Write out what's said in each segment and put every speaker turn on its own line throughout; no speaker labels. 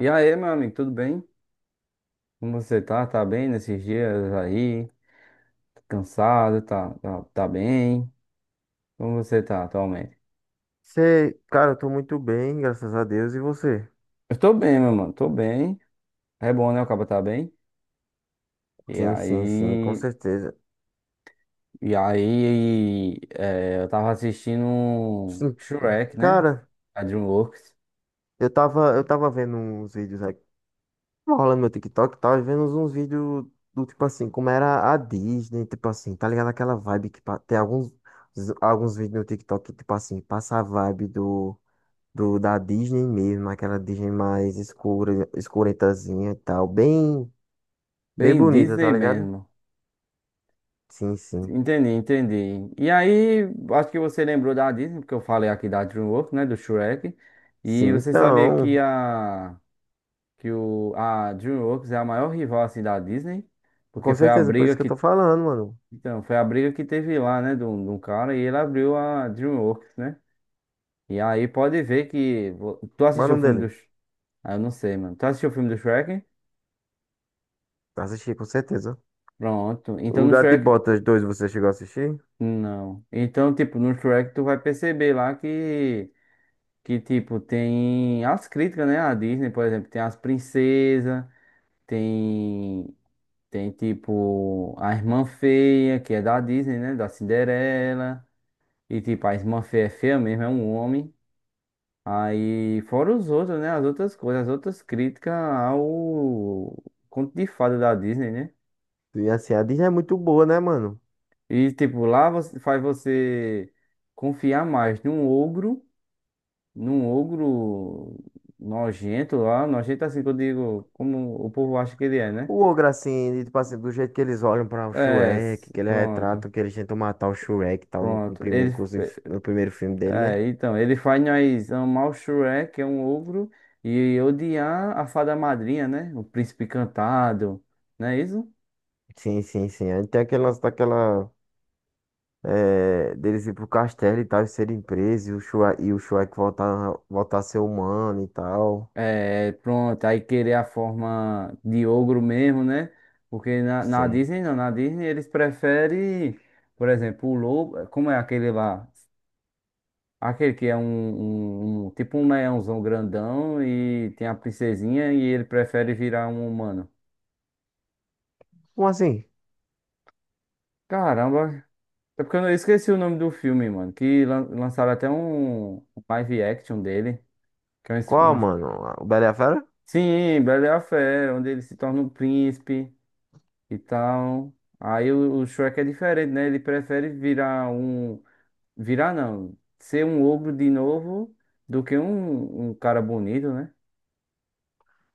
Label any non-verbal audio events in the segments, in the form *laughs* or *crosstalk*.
E aí, meu amigo, tudo bem? Como você tá? Tá bem nesses dias aí? Tá cansado? Tá, tá bem? Como você tá atualmente?
Você, cara, eu tô muito bem, graças a Deus. E você?
Eu tô bem, meu mano, tô bem. É bom, né? O cabo tá bem. E
Sim, sim, sim, com
aí,
certeza.
eu tava assistindo um
Sim,
Shrek, né?
cara,
A DreamWorks.
eu tava vendo uns vídeos aqui, tava rolando meu TikTok e tal, e vendo uns vídeos do tipo assim, como era a Disney, tipo assim, tá ligado? Aquela vibe tem alguns, alguns vídeos no TikTok que, tipo assim, passa a vibe do, do da Disney mesmo, aquela Disney mais escura, escuretazinha e tal, bem
Bem
bonita,
Disney
tá ligado?
mesmo.
Sim, sim.
Entendi, entendi. E aí, acho que você lembrou da Disney, porque eu falei aqui da DreamWorks, né? Do Shrek. E
Sim,
você sabia que
então.
a DreamWorks é a maior rival assim da Disney, porque
Com
foi a
certeza, por
briga
isso que eu tô
que
falando, mano.
então foi a briga que teve lá, né, de um cara e ele abriu a DreamWorks, né? E aí pode ver que tu
Qual é o
assistiu o
nome
filme do
dele?
Ah, eu não sei, mano. Tu assistiu o filme do Shrek?
Assisti, com certeza.
Pronto. Então
O
no
Gato de
Shrek
Botas 2 você chegou a assistir?
não. Então tipo no Shrek tu vai perceber lá que tipo tem as críticas, né, à Disney, por exemplo, tem as princesas, tem. Tem tipo a Irmã Feia, que é da Disney, né? Da Cinderela. E tipo, a Irmã Feia é feia mesmo, é um homem. Aí, fora os outros, né? As outras coisas, as outras críticas ao conto de fada da Disney, né?
E assim, a Disney é muito boa, né, mano?
E tipo, lá você, faz você confiar mais num ogro nojento lá, nojento assim que eu digo, como o povo acha que ele é, né?
O ogro, assim, tipo assim, do jeito que eles olham pra o
É,
Shrek, que eles
pronto,
retratam, que eles tentam matar o Shrek e tal, no
pronto.
primeiro,
Ele.
inclusive, no primeiro filme dele, né?
É, então, ele faz nós amar o Shrek, que é um ogro, e odiar a fada madrinha, né? O príncipe encantado, não é isso?
Sim, sim, sim. Aí tem aquele lance daquela. É, deles ir pro castelo e tal, e serem presos, e o Shrek voltar a ser humano e tal.
É, pronto, aí querer a forma de ogro mesmo, né? Porque na
Sim.
Disney não, na Disney eles preferem, por exemplo, o lobo, como é aquele lá? Aquele que é tipo um leãozão grandão e tem a princesinha e ele prefere virar um humano.
Como assim?
Caramba, é porque eu não- eu esqueci o nome do filme, mano. Lançaram até um live action dele. Que é
Qual, mano? O Bela e a Fera?
sim, Bela e a Fera, onde ele se torna um príncipe e tal. Aí o Shrek é diferente, né? Ele prefere virar um. Virar não. Ser um ogro de novo do que um cara bonito, né?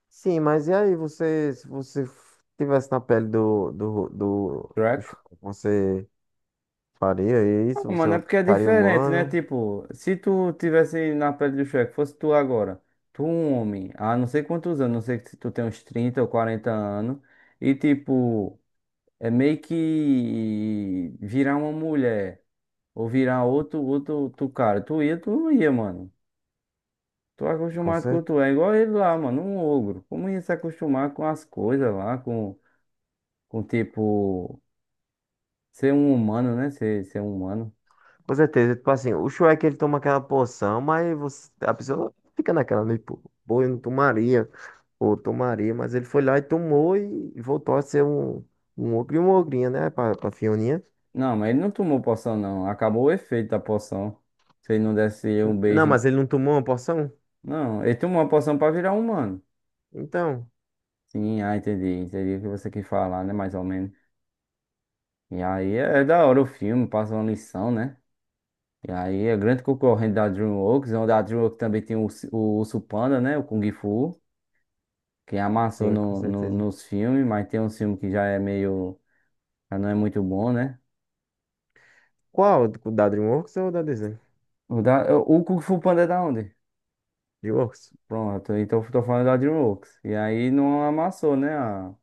Sim, mas e aí você, se você tivesse na pele do
Shrek.
Chewbacca, você faria isso? Você
Mano, é porque é
ficaria
diferente, né?
humano?
Tipo, se tu tivesse na pele do Shrek, fosse tu agora, tu um homem, há não sei quantos anos, não sei se tu tem uns 30 ou 40 anos, e tipo, é meio que virar uma mulher, ou virar outro, tu cara, tu ia, tu não ia, mano. Tu é
Com
acostumado com
certeza.
tu, é igual ele lá, mano, um ogro. Como ia se acostumar com as coisas lá, com tipo, ser um humano, né? Ser um humano.
Com certeza. Tipo assim, o Shrek ele toma aquela poção, mas você, a pessoa fica naquela, né? Pô, pô, eu não tomaria, ou tomaria, mas ele foi lá e tomou e voltou a ser um, um ogro e uma ogrinha, né? Pra Fioninha.
Não, mas ele não tomou poção, não. Acabou o efeito da poção. Se ele não desse um beijo.
Não, mas ele não tomou uma poção?
Não, ele tomou a poção pra virar humano.
Então,
Sim, ah, entendi. Entendi o que você quis falar, né? Mais ou menos. E aí é, é da hora o filme, passa uma lição, né? E aí é grande concorrente da DreamWorks, onde a DreamWorks também tem o Urso Panda, né? O Kung Fu, que amassou
sim, com certeza.
nos filmes, mas tem um filme que já é meio. Já não é muito bom, né?
Qual? O da DreamWorks ou o da Disney?
O Kung Fu Panda é da onde?
DreamWorks.
Pronto, então eu tô falando da DreamWorks. E aí não amassou, né?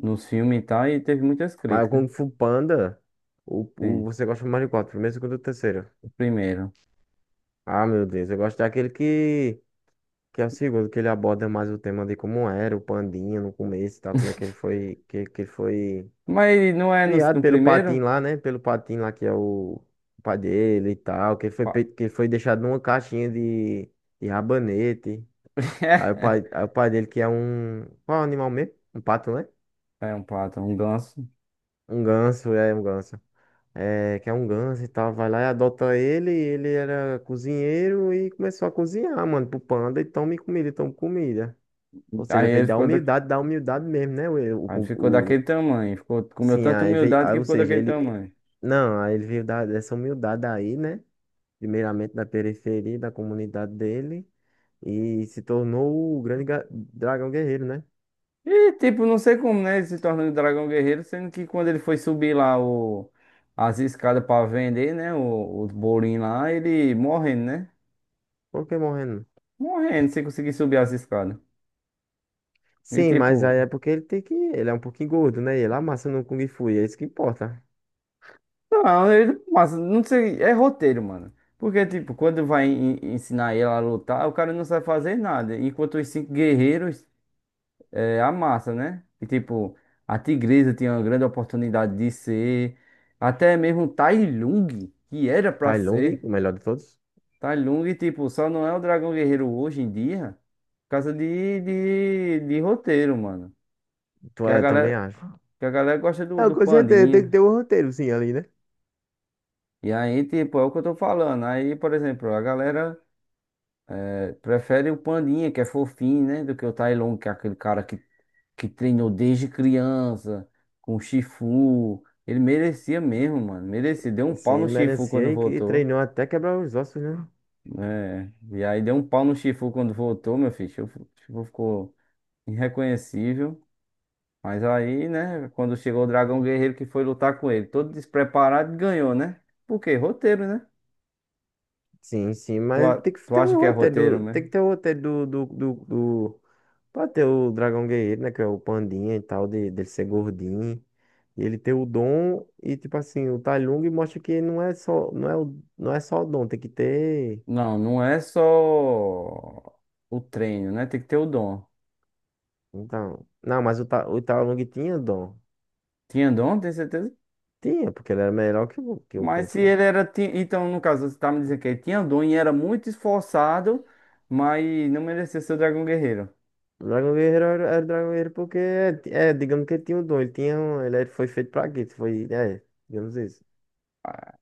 Nos filmes e tal, e teve muitas
Mas o
críticas.
Kung Fu Panda,
Sim,
você gosta mais de qual? Primeiro, segundo ou terceiro?
o primeiro.
Ah, meu Deus, eu gosto daquele que é o segundo, que ele aborda mais o tema de como era o Pandinha no começo e tal, como é que ele
*laughs*
foi, que ele foi
Mas não é
criado
no
pelo Patim
primeiro?
lá, né? Pelo Patim lá que é o pai dele e tal,
Pa-
que ele foi deixado numa caixinha de, rabanete. Aí o pai,
*laughs*
aí o pai dele que é um, qual é o animal mesmo? Um pato, né?
É um pato, um ganso.
Um ganso, é um ganso. É, que é um ganso e tal, vai lá e adota ele, e ele era cozinheiro e começou a cozinhar, mano, pro panda, e tome comida, e tome comida. Ou seja,
Aí
veio
ele ficou, da,
da humildade mesmo, né?
Aí ele ficou daquele tamanho. Ficou, comeu
Sim,
tanta
aí veio,
humildade
aí,
que
ou
ficou
seja,
daquele
ele,
tamanho.
não, aí ele veio dessa humildade aí, né? Primeiramente da periferia, da comunidade dele, e se tornou o grande dragão guerreiro, né?
E tipo, não sei como, né? Ele se tornando dragão guerreiro, sendo que quando ele foi subir lá as escadas pra vender, né? Os bolinhos lá, ele morrendo, né?
Por que morrendo?
Morrendo sem conseguir subir as escadas. E
Sim, mas
tipo,
aí é porque ele é um pouquinho gordo, né? E ele amassa no Kung Fu, e é isso que importa.
não, ele, mas não sei, é roteiro, mano. Porque, tipo, quando vai ensinar ela a lutar, o cara não sabe fazer nada. Enquanto os cinco guerreiros é, amassa, né? E tipo, a tigresa tinha uma grande oportunidade de ser. Até mesmo o Tai Lung, que era pra
Tai Lung,
ser.
o melhor de todos?
Tai Lung, tipo, só não é o dragão guerreiro hoje em dia. Por causa de roteiro, mano.
Tu
Que a
é, também
galera,
acho.
que a galera gosta
É,
do
com certeza, tem que
pandinha.
ter um roteiro, sim, ali, né?
E aí, tipo, é o que eu tô falando. Aí, por exemplo, a galera prefere o Pandinha, que é fofinho, né? Do que o Tai Lung, que é aquele cara que treinou desde criança, com o Shifu. Ele merecia mesmo, mano. Merecia. Deu um
Sim,
pau no
ele
Shifu quando
merecia e,
voltou,
treinou até quebrar os ossos, né?
né? E aí deu um pau no Shifu quando voltou, meu filho. Shifu ficou irreconhecível. Mas aí, né, quando chegou o Dragão Guerreiro que foi lutar com ele, todo despreparado, ganhou, né? Por quê? Roteiro, né?
Sim, sim,
Tu,
mas tem que
tu
ter
acha que
o
é roteiro,
roteiro, tem
né?
que ter o roteiro do... Pode ter o Dragão Guerreiro, né? Que é o pandinha e tal, dele ser gordinho. E ele ter o dom e, tipo assim, o Tai Lung mostra que não é só, não é só o dom, tem que ter...
Não, não é só o treino, né? Tem que ter o dom.
Então, não, mas o Tai Lung tinha dom.
Tinha dom, tem certeza?
Tinha, porque ele era melhor que o,
Mas
Kung
se
Fu.
ele era. Então, no caso, você tá me dizendo que ele tinha dom e era muito esforçado, mas não merecia ser o Dragão Guerreiro.
Dragon Guerreiro era Dragon Guerreiro porque, digamos que ele tinha um dom, ele tinha um, ele era- foi feito pra isso, foi, digamos isso.
Ah,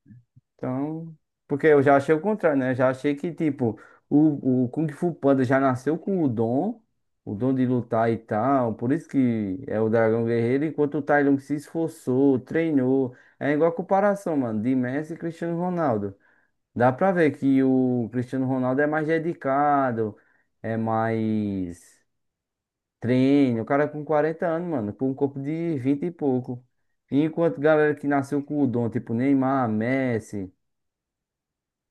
então. Porque eu já achei o contrário, né? Eu já achei que, tipo, o Kung Fu Panda já nasceu com o dom de lutar e tal. Por isso que é o Dragão Guerreiro, enquanto o Tai Lung se esforçou, treinou. É igual a comparação, mano, de Messi e Cristiano Ronaldo. Dá pra ver que o Cristiano Ronaldo é mais dedicado, é mais treino. O cara com 40 anos, mano, com um corpo de 20 e pouco. Enquanto galera que nasceu com o dom, tipo Neymar, Messi,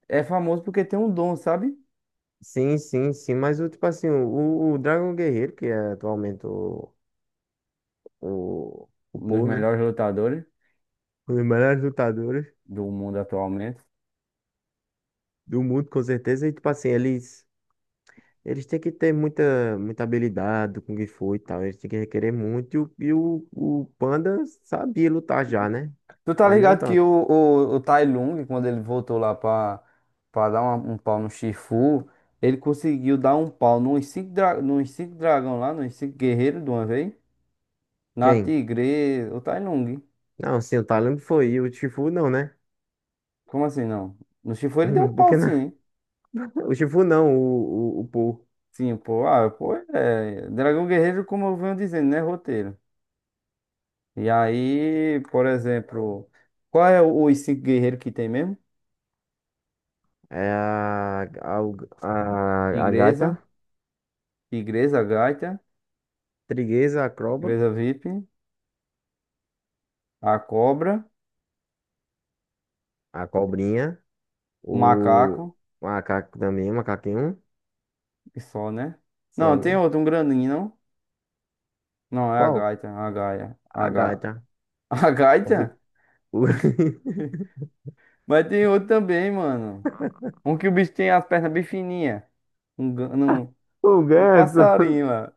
é famoso porque tem um dom, sabe?
Sim, sim, sim, mas o tipo assim, o, Dragon Guerreiro, que é atualmente o
Um dos
Paul, né?
melhores lutadores
Um dos melhores lutadores
do mundo atualmente.
do mundo, com certeza, e tipo assim, eles têm que ter muita, muita habilidade do Kung Fu e tal, eles têm que requerer muito, e o Panda sabia lutar já, né?
Tu tá
Mas não
ligado que
tanto.
o Tai Lung, quando ele voltou lá pra, pra dar um pau no Shifu, ele conseguiu dar um pau nos cinco, dra nos cinco dragão lá, nos cinco guerreiros de uma vez. Na
Quem?
Tigre, o Tai Lung.
Não, sim, o Talon foi, e o Shifu não, né?
Como assim não? No Shifu ele deu um
*laughs*
pau
Porque
sim.
não.
Hein?
O Shifu não, o, o Paul.
Sim, pô. Ah, pô, é. É, Dragão Guerreiro, como eu venho dizendo, né? Roteiro. E aí, por exemplo, qual é os 5 guerreiros que tem mesmo?
É a,
Igreja,
gaita,
Igreja Gaita,
trigueza, a croba,
Tigresa VIP, a Cobra,
a cobrinha,
o
o
Macaco
macaco também, macaquinho,
e só, né?
só,
Não, tem
né?
outro, um grandinho, não? Não, é a
Qual?
Gaita, a Gaia, a
A
Ga...
gaita.
*laughs* A
É
Gaita?
o, *laughs*
Mas tem outro também, mano. Um que o bicho tem as pernas bem fininhas. Um, gan- um,
o
um
ganso.
passarinho lá.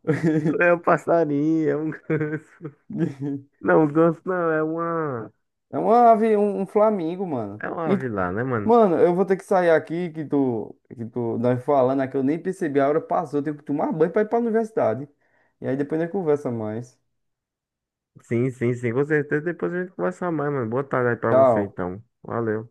É o
*laughs*
passarinho, é um ganso. Não, o ganso não, é uma.
É uma ave, um flamingo, mano.
É uma
E,
ave lá, né, mano?
mano, eu vou ter que sair aqui que tu, nós falando aqui, eu nem percebi, a hora passou, eu tenho que tomar banho pra ir pra universidade. E aí depois nós conversa mais.
Sim, sim, sim, com certeza. Depois a gente conversa mais, mano. Boa tarde aí pra você,
Tchau.
então. Valeu.